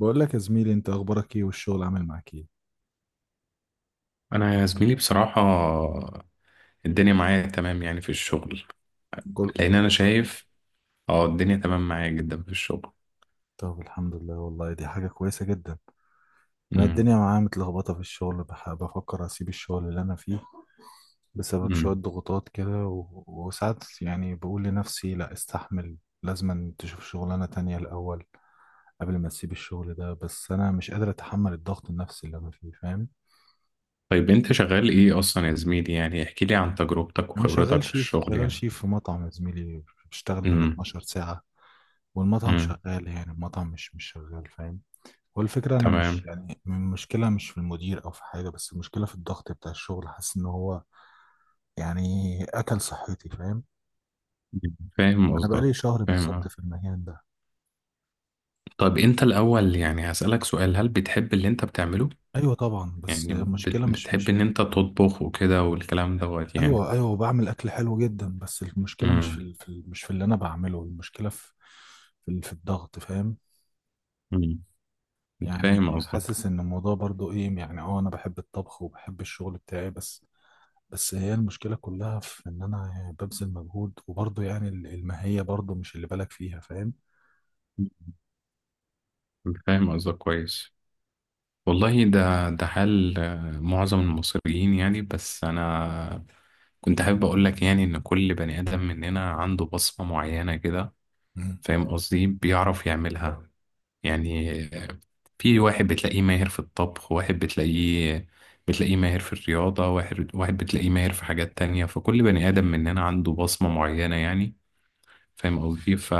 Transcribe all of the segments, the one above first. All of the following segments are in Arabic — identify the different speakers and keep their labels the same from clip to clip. Speaker 1: بقول لك يا زميلي، انت اخبارك ايه والشغل عامل معاك ايه؟
Speaker 2: انا يا زميلي بصراحة الدنيا معايا تمام يعني في الشغل،
Speaker 1: كل
Speaker 2: لان انا
Speaker 1: كله تمام؟
Speaker 2: شايف اه الدنيا تمام معايا جدا في الشغل.
Speaker 1: طب الحمد لله، والله دي حاجة كويسة جدا. انا
Speaker 2: امم
Speaker 1: الدنيا معايا متلخبطة في الشغل، بفكر اسيب الشغل اللي انا فيه بسبب شوية
Speaker 2: امم
Speaker 1: ضغوطات كده و... وساعات يعني بقول لنفسي لا استحمل. لازم تشوف شغلانة تانية الاول قبل ما تسيب الشغل ده، بس انا مش قادر اتحمل الضغط النفسي اللي انا فيه، فاهم؟
Speaker 2: طيب انت شغال ايه اصلا يا زميلي؟ يعني احكي لي عن تجربتك
Speaker 1: انا
Speaker 2: وخبرتك
Speaker 1: شغال
Speaker 2: في
Speaker 1: شيف،
Speaker 2: الشغل
Speaker 1: شغال
Speaker 2: يعني.
Speaker 1: شيف في مطعم يا زميلي. بشتغل بال
Speaker 2: امم
Speaker 1: 12 ساعة، والمطعم
Speaker 2: امم
Speaker 1: شغال، يعني المطعم مش شغال فاهم. والفكرة أنا مش
Speaker 2: تمام.
Speaker 1: يعني المشكلة مش في المدير أو في حاجة، بس المشكلة في الضغط بتاع الشغل. حاسس إن هو يعني أكل صحتي، فاهم؟
Speaker 2: فاهم
Speaker 1: أنا
Speaker 2: قصدك.
Speaker 1: بقالي شهر
Speaker 2: فاهم
Speaker 1: بالظبط في المكان ده.
Speaker 2: طيب، انت الاول يعني هسألك سؤال، هل بتحب اللي انت بتعمله؟
Speaker 1: أيوة طبعا، بس
Speaker 2: يعني
Speaker 1: المشكلة
Speaker 2: بت-
Speaker 1: مش
Speaker 2: بتحب
Speaker 1: مش
Speaker 2: ان انت تطبخ وكده والكلام دوت يعني.
Speaker 1: أيوة أيوة، بعمل أكل حلو جدا، بس المشكلة مش في،
Speaker 2: امم
Speaker 1: مش في اللي أنا بعمله، المشكلة في في، في الضغط فاهم.
Speaker 2: امم
Speaker 1: يعني
Speaker 2: فاهم قصدك.
Speaker 1: حاسس إن الموضوع برضو إيه يعني، أه أنا بحب الطبخ وبحب الشغل بتاعي بس. بس هي المشكلة كلها في إن أنا يعني ببذل مجهود وبرضه يعني الماهية برضه مش اللي بالك فيها، فاهم؟
Speaker 2: فاهم قصدك كويس. والله ده حال معظم المصريين يعني، بس أنا كنت حابب أقول لك يعني إن كل بني آدم مننا عنده بصمة معينة كده،
Speaker 1: مم.
Speaker 2: فاهم قصدي، بيعرف يعملها. يعني في واحد بتلاقيه ماهر في الطبخ، واحد بتلاقيه ماهر في الرياضة، واحد بتلاقيه ماهر في حاجات تانية. فكل بني آدم مننا عنده بصمة معينة يعني، فاهم قصدي.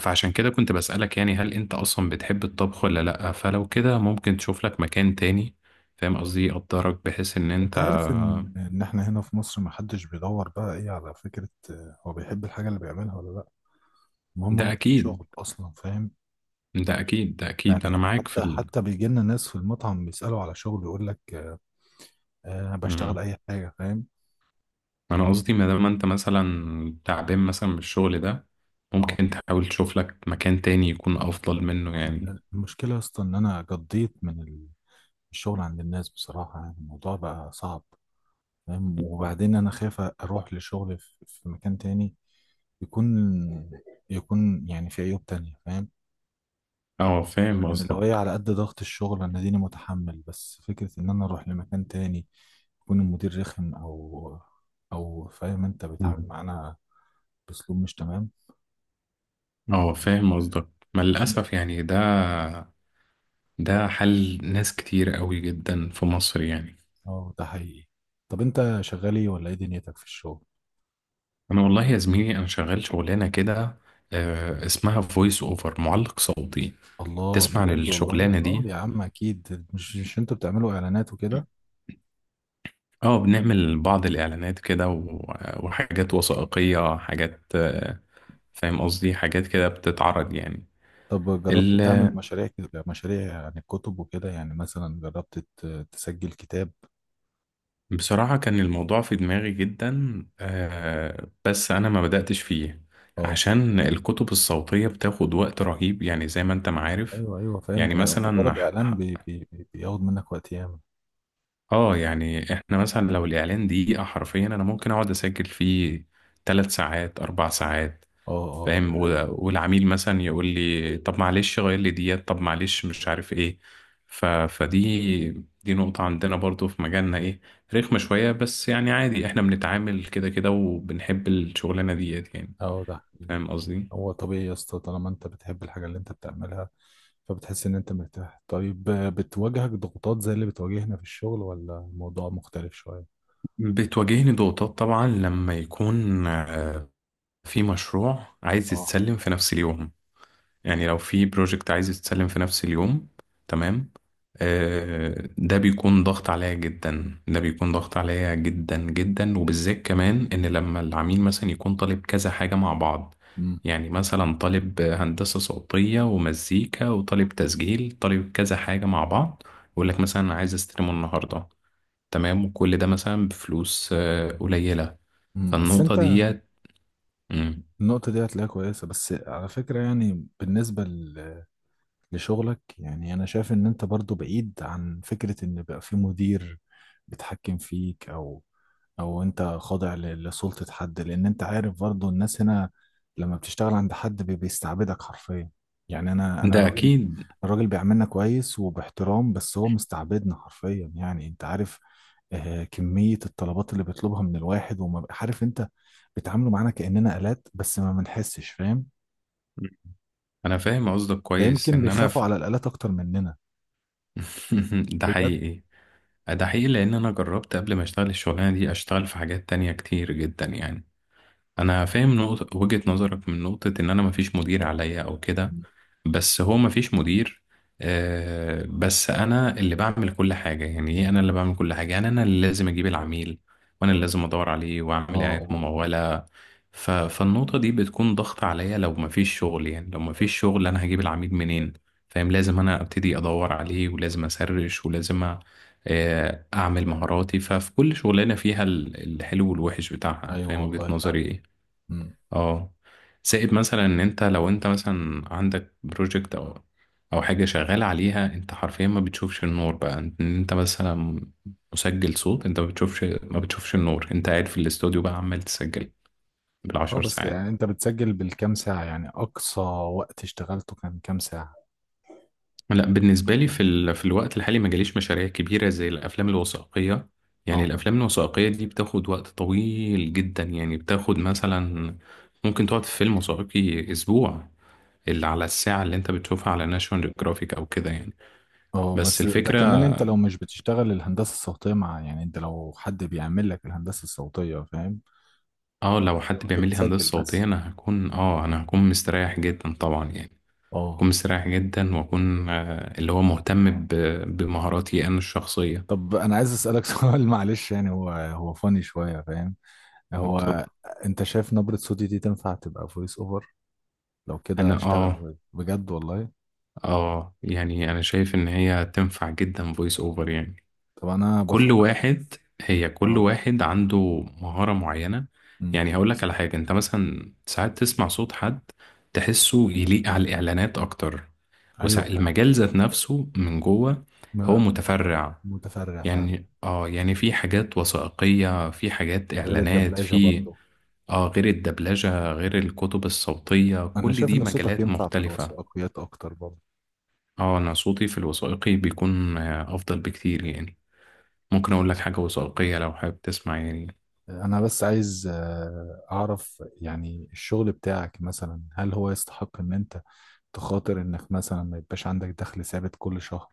Speaker 2: فعشان كده كنت بسألك، يعني هل انت اصلا بتحب الطبخ ولا لأ؟ فلو كده ممكن تشوف لك مكان تاني، فاهم قصدي، يقدرك بحيث ان
Speaker 1: أنت
Speaker 2: انت
Speaker 1: عارف إن إحنا هنا في مصر محدش بيدور بقى إيه على فكرة، آه، هو بيحب الحاجة اللي بيعملها ولا لأ، المهم
Speaker 2: ده
Speaker 1: هو في
Speaker 2: اكيد
Speaker 1: شغل أصلا، فاهم؟
Speaker 2: ده اكيد. انا
Speaker 1: يعني
Speaker 2: معاك في
Speaker 1: حتى حتى بيجي لنا ناس في المطعم بيسألوا على شغل يقول لك، آه آه، بشتغل
Speaker 2: مم.
Speaker 1: أي حاجة فاهم؟
Speaker 2: انا قصدي ما دام انت مثلا تعبان مثلا من الشغل ده،
Speaker 1: أه
Speaker 2: ممكن تحاول تشوف لك مكان تاني يكون افضل منه
Speaker 1: آه،
Speaker 2: يعني.
Speaker 1: المشكلة أصلا إن أنا قضيت من الشغل عند الناس بصراحة، يعني الموضوع بقى صعب فاهم. وبعدين انا خايف اروح لشغل في في مكان تاني يكون، يكون يعني في عيوب تانية فاهم.
Speaker 2: اه، فاهم
Speaker 1: يعني لو
Speaker 2: قصدك.
Speaker 1: هي على قد ضغط الشغل انا ديني متحمل، بس فكرة ان انا اروح لمكان تاني يكون المدير رخم او او فاهم، انت
Speaker 2: مم.
Speaker 1: بيتعامل معانا باسلوب مش تمام.
Speaker 2: اه، فاهم قصدك. ما للأسف يعني، ده حل ناس كتير قوي جدا في مصر يعني.
Speaker 1: اه ده حقيقي. طب انت شغال ايه ولا ايه دنيتك في الشغل؟
Speaker 2: انا والله يا زميلي، انا شغال شغلانه كده، اسمها فويس اوفر، معلق صوتي.
Speaker 1: الله
Speaker 2: تسمع عن
Speaker 1: بجد، والله
Speaker 2: الشغلانه
Speaker 1: اه
Speaker 2: دي؟
Speaker 1: يا عم، اكيد مش انتوا بتعملوا اعلانات وكده؟
Speaker 2: اه، بنعمل بعض الاعلانات كده وحاجات وثائقيه، حاجات فاهم قصدي، حاجات كده بتتعرض يعني.
Speaker 1: طب جربت تعمل
Speaker 2: ال-
Speaker 1: مشاريع كده، مشاريع عن الكتب وكده، يعني مثلا جربت تسجل كتاب؟
Speaker 2: بصراحه كان الموضوع في دماغي جدا بس انا ما بداتش فيه،
Speaker 1: اه.
Speaker 2: عشان الكتب الصوتيه بتاخد وقت رهيب يعني، زي ما انت معارف.
Speaker 1: ايوه ايوه فاهم،
Speaker 2: يعني
Speaker 1: ده
Speaker 2: مثلا،
Speaker 1: مجرد اعلان بياخد منك وقت ياما.
Speaker 2: اه، يعني احنا مثلا لو الاعلان دقيقة حرفيا، انا ممكن اقعد اسجل فيه 3 ساعات، 4 ساعات،
Speaker 1: اه. اه ده
Speaker 2: فاهم.
Speaker 1: حقيقي.
Speaker 2: والعميل مثلا يقول لي طب معلش غير لي ديت، طب معلش مش عارف ايه. فدي، دي نقطة عندنا برضو في مجالنا، ايه، رخمة شوية، بس يعني عادي، احنا بنتعامل كده كده وبنحب الشغلانة ديت يعني،
Speaker 1: اه ده حقيقي.
Speaker 2: فاهم قصدي.
Speaker 1: هو طبيعي يا اسطى، طالما انت بتحب الحاجه اللي انت بتعملها فبتحس ان انت مرتاح. طيب آه، بتواجهك ضغوطات زي اللي بتواجهنا في الشغل ولا الموضوع مختلف شويه؟
Speaker 2: بتواجهني ضغوطات طبعا، لما يكون في مشروع عايز
Speaker 1: اه.
Speaker 2: يتسلم في نفس اليوم. يعني لو في بروجكت عايز يتسلم في نفس اليوم، تمام، ده بيكون ضغط عليا جدا، ده بيكون ضغط عليا جدا جدا. وبالذات كمان ان لما العميل مثلا يكون طالب كذا حاجة مع بعض،
Speaker 1: امم
Speaker 2: يعني مثلا طالب هندسة صوتية ومزيكا، وطالب تسجيل، طالب كذا حاجة مع بعض، يقول لك مثلا أنا عايز استلمه النهاردة، تمام، وكل ده مثلا بفلوس قليلة.
Speaker 1: أمم. بس
Speaker 2: فالنقطة
Speaker 1: انت
Speaker 2: ديت مم.
Speaker 1: النقطه دي هتلاقيها كويسه، بس على فكره يعني بالنسبه ل لشغلك، يعني انا شايف ان انت برضو بعيد عن فكرة ان بقى في مدير بيتحكم فيك او او انت خاضع لسلطة حد. لان انت عارف برضو الناس هنا لما بتشتغل عند حد بيستعبدك حرفيا. يعني انا
Speaker 2: ده
Speaker 1: الراجل،
Speaker 2: أكيد.
Speaker 1: الراجل بيعاملنا كويس وباحترام بس هو مستعبدنا حرفيا، يعني انت عارف آه، كمية الطلبات اللي بيطلبها من الواحد. عارف انت، بيتعاملوا معانا كأننا آلات بس ما بنحسش فاهم.
Speaker 2: انا فاهم قصدك
Speaker 1: ده
Speaker 2: كويس
Speaker 1: يمكن
Speaker 2: ان انا
Speaker 1: بيخافوا على الآلات اكتر مننا.
Speaker 2: ده
Speaker 1: بجد.
Speaker 2: حقيقي. ده حقيقي، لان انا جربت قبل ما اشتغل الشغلانه دي، اشتغل في حاجات تانية كتير جدا يعني. انا فاهم نقطة وجهة نظرك، من نقطة ان انا مفيش مدير عليا او كده، بس هو مفيش مدير، بس انا اللي بعمل كل حاجه. يعني ايه؟ انا اللي بعمل كل حاجه، يعني انا اللي لازم اجيب العميل، وانا اللي لازم ادور عليه
Speaker 1: اه
Speaker 2: واعمل اعلانات
Speaker 1: اه اه.
Speaker 2: مموله. فالنقطه دي بتكون ضغط عليا لو مفيش شغل، يعني لو مفيش شغل، انا هجيب العميل منين؟ فاهم، لازم انا ابتدي ادور عليه، ولازم اسرش، اعمل مهاراتي. ففي كل شغلانه فيها الحلو والوحش بتاعها،
Speaker 1: ايوه
Speaker 2: فاهم وجهه
Speaker 1: والله ف.
Speaker 2: نظري إيه.
Speaker 1: مم.
Speaker 2: اه، زائد مثلا ان انت لو انت مثلا عندك بروجكت او او حاجه شغال عليها، انت حرفيا ما بتشوفش النور، بقى ان انت مثلا مسجل صوت، انت ما بتشوفش النور، انت قاعد في الاستوديو بقى عمال تسجل
Speaker 1: اه
Speaker 2: بالعشر
Speaker 1: بس
Speaker 2: ساعات
Speaker 1: يعني انت بتسجل بالكام ساعة يعني؟ اقصى وقت اشتغلته كان كام ساعة؟
Speaker 2: لا، بالنسبه لي في في الوقت الحالي ما جاليش مشاريع كبيره زي الافلام الوثائقيه، يعني
Speaker 1: اه.
Speaker 2: الافلام الوثائقيه دي بتاخد وقت طويل جدا، يعني بتاخد مثلا، ممكن تقعد في فيلم وثائقي اسبوع، اللي على الساعة اللي انت بتشوفها على ناشونال جرافيك او كده يعني.
Speaker 1: اه
Speaker 2: بس
Speaker 1: بس ده
Speaker 2: الفكرة،
Speaker 1: كمان انت لو مش بتشتغل الهندسة الصوتية مع، يعني انت لو حد بيعمل لك الهندسة الصوتية فاهم.
Speaker 2: اه، لو
Speaker 1: لو
Speaker 2: حد
Speaker 1: انت
Speaker 2: بيعمل لي
Speaker 1: بتسجل
Speaker 2: هندسة صوتية،
Speaker 1: بس.
Speaker 2: انا هكون اه، انا هكون مستريح جدا طبعا يعني، هكون
Speaker 1: اه.
Speaker 2: مستريح جدا، واكون آه اللي هو مهتم بمهاراتي انا الشخصية.
Speaker 1: طب انا عايز اسألك سؤال، معلش يعني، هو فاني شوية فاهم.
Speaker 2: انت-
Speaker 1: هو انت شايف نبرة صوتي دي تنفع تبقى فويس اوفر؟ لو كده
Speaker 2: انا
Speaker 1: اشتغل
Speaker 2: اه،
Speaker 1: voice. بجد والله.
Speaker 2: اه، يعني انا شايف ان هي تنفع جدا فويس اوفر يعني.
Speaker 1: طب انا
Speaker 2: كل
Speaker 1: بفكر.
Speaker 2: واحد هي كل
Speaker 1: اه.
Speaker 2: واحد عنده مهارة معينة.
Speaker 1: مم.
Speaker 2: يعني هقول لك على حاجة، انت مثلا ساعات تسمع صوت حد تحسه يليق على الإعلانات أكتر،
Speaker 1: ايوه.
Speaker 2: والمجال ذات نفسه من جوه هو متفرع.
Speaker 1: متفرع فعلا.
Speaker 2: يعني اه، يعني في حاجات وثائقية، في حاجات
Speaker 1: غير
Speaker 2: إعلانات،
Speaker 1: الدبلجة
Speaker 2: في
Speaker 1: برضو.
Speaker 2: اه، غير الدبلجة، غير الكتب الصوتية،
Speaker 1: أنا
Speaker 2: كل
Speaker 1: شايف
Speaker 2: دي
Speaker 1: إن صوتك
Speaker 2: مجالات
Speaker 1: ينفع في
Speaker 2: مختلفة.
Speaker 1: الوثائقيات أكتر برضو.
Speaker 2: اه، انا صوتي في الوثائقي بيكون افضل بكتير يعني. ممكن اقول لك حاجة وثائقية لو حابب تسمع يعني.
Speaker 1: أنا بس عايز آه، أعرف يعني الشغل بتاعك مثلا هل هو يستحق إن أنت تخاطر إنك مثلا ما يبقاش عندك دخل ثابت كل شهر؟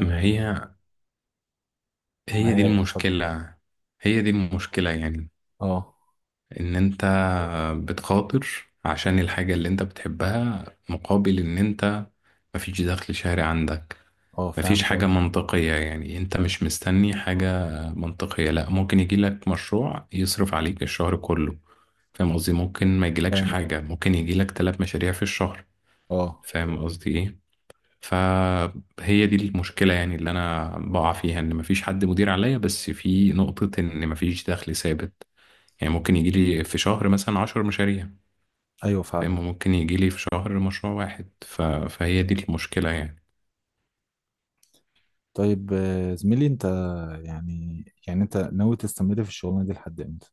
Speaker 2: ما هي، هي دي
Speaker 1: هي اتفضل.
Speaker 2: المشكلة هي دي المشكلة يعني،
Speaker 1: أه.
Speaker 2: ان انت بتخاطر عشان الحاجة اللي انت بتحبها، مقابل ان انت مفيش دخل شهري عندك.
Speaker 1: أه
Speaker 2: مفيش
Speaker 1: فهمت
Speaker 2: حاجة
Speaker 1: قصدي.
Speaker 2: منطقية يعني، انت مش مستني حاجة منطقية، لا ممكن يجيلك مشروع يصرف عليك الشهر كله، فاهم قصدي، ممكن ما يجيلكش
Speaker 1: فاهم قصدي.
Speaker 2: حاجة، ممكن يجيلك تلات مشاريع في الشهر،
Speaker 1: أه.
Speaker 2: فاهم قصدي ايه. فهي دي المشكلة يعني، اللي أنا بقع فيها، إن مفيش حد مدير عليا، بس في نقطة إن مفيش دخل ثابت. يعني ممكن يجيلي في شهر مثلا 10 مشاريع،
Speaker 1: أيوه فعلا.
Speaker 2: فاهم، ممكن يجيلي في شهر مشروع واحد. فهي دي المشكلة يعني.
Speaker 1: طيب آه، زميلي أنت، يعني أنت ناوي تستمر في الشغلانة دي لحد إمتى؟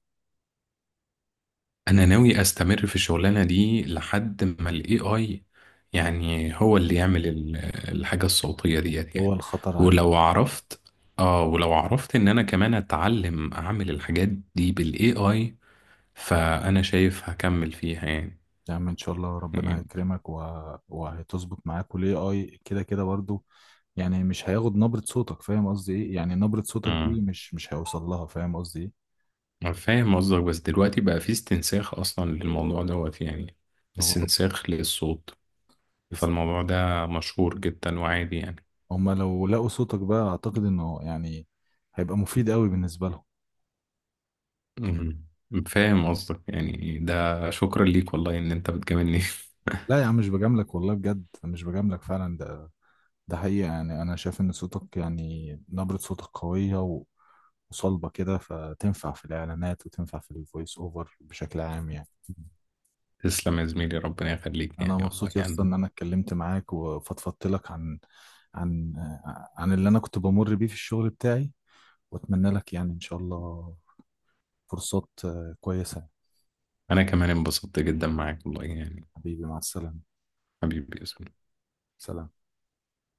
Speaker 2: أنا ناوي أستمر في الشغلانة دي لحد ما ال AI، يعني هو اللي يعمل الحاجة الصوتية ديت
Speaker 1: هو
Speaker 2: يعني.
Speaker 1: الخطر عليك.
Speaker 2: ولو عرفت، اه، ولو عرفت ان انا كمان اتعلم اعمل الحاجات دي بالAI، فأنا شايف هكمل فيها يعني.
Speaker 1: يا عم ان شاء الله ربنا
Speaker 2: يعني
Speaker 1: هيكرمك و... وهتظبط معاك والاي اي كده كده برضو. يعني مش هياخد نبرة صوتك، فاهم قصدي ايه؟ يعني نبرة صوتك دي
Speaker 2: مم.
Speaker 1: مش هيوصل لها، فاهم قصدي ايه؟
Speaker 2: أنا فاهم قصدك، بس دلوقتي بقى في استنساخ أصلا للموضوع دوت يعني،
Speaker 1: هو رب-
Speaker 2: استنساخ للصوت،
Speaker 1: بس
Speaker 2: فالموضوع ده مشهور جدا وعادي يعني.
Speaker 1: هما لو لقوا صوتك بقى اعتقد انه يعني هيبقى مفيد قوي بالنسبة لهم.
Speaker 2: مم. فاهم قصدك، يعني ده شكرا ليك والله إن أنت بتجاملني.
Speaker 1: لا يا عم مش بجاملك والله، بجد مش بجاملك فعلا، ده ده حقيقة. يعني انا شايف ان صوتك يعني نبرة صوتك قوية و... وصلبة كده، فتنفع في الاعلانات وتنفع في الفويس اوفر بشكل عام يعني.
Speaker 2: تسلم يا زميلي، ربنا يخليك،
Speaker 1: انا
Speaker 2: يعني والله
Speaker 1: مبسوط يا
Speaker 2: يعني
Speaker 1: اسطى
Speaker 2: أنا،
Speaker 1: ان انا اتكلمت معاك وفضفضت لك عن، عن، عن اللي انا كنت بمر بيه في الشغل بتاعي. واتمنى لك يعني ان شاء الله فرصات آه، كويسة.
Speaker 2: أنا كمان انبسطت جدا معاك والله يعني.
Speaker 1: حبيبي مع السلامة.
Speaker 2: حبيبي يا زميلي.
Speaker 1: سلام.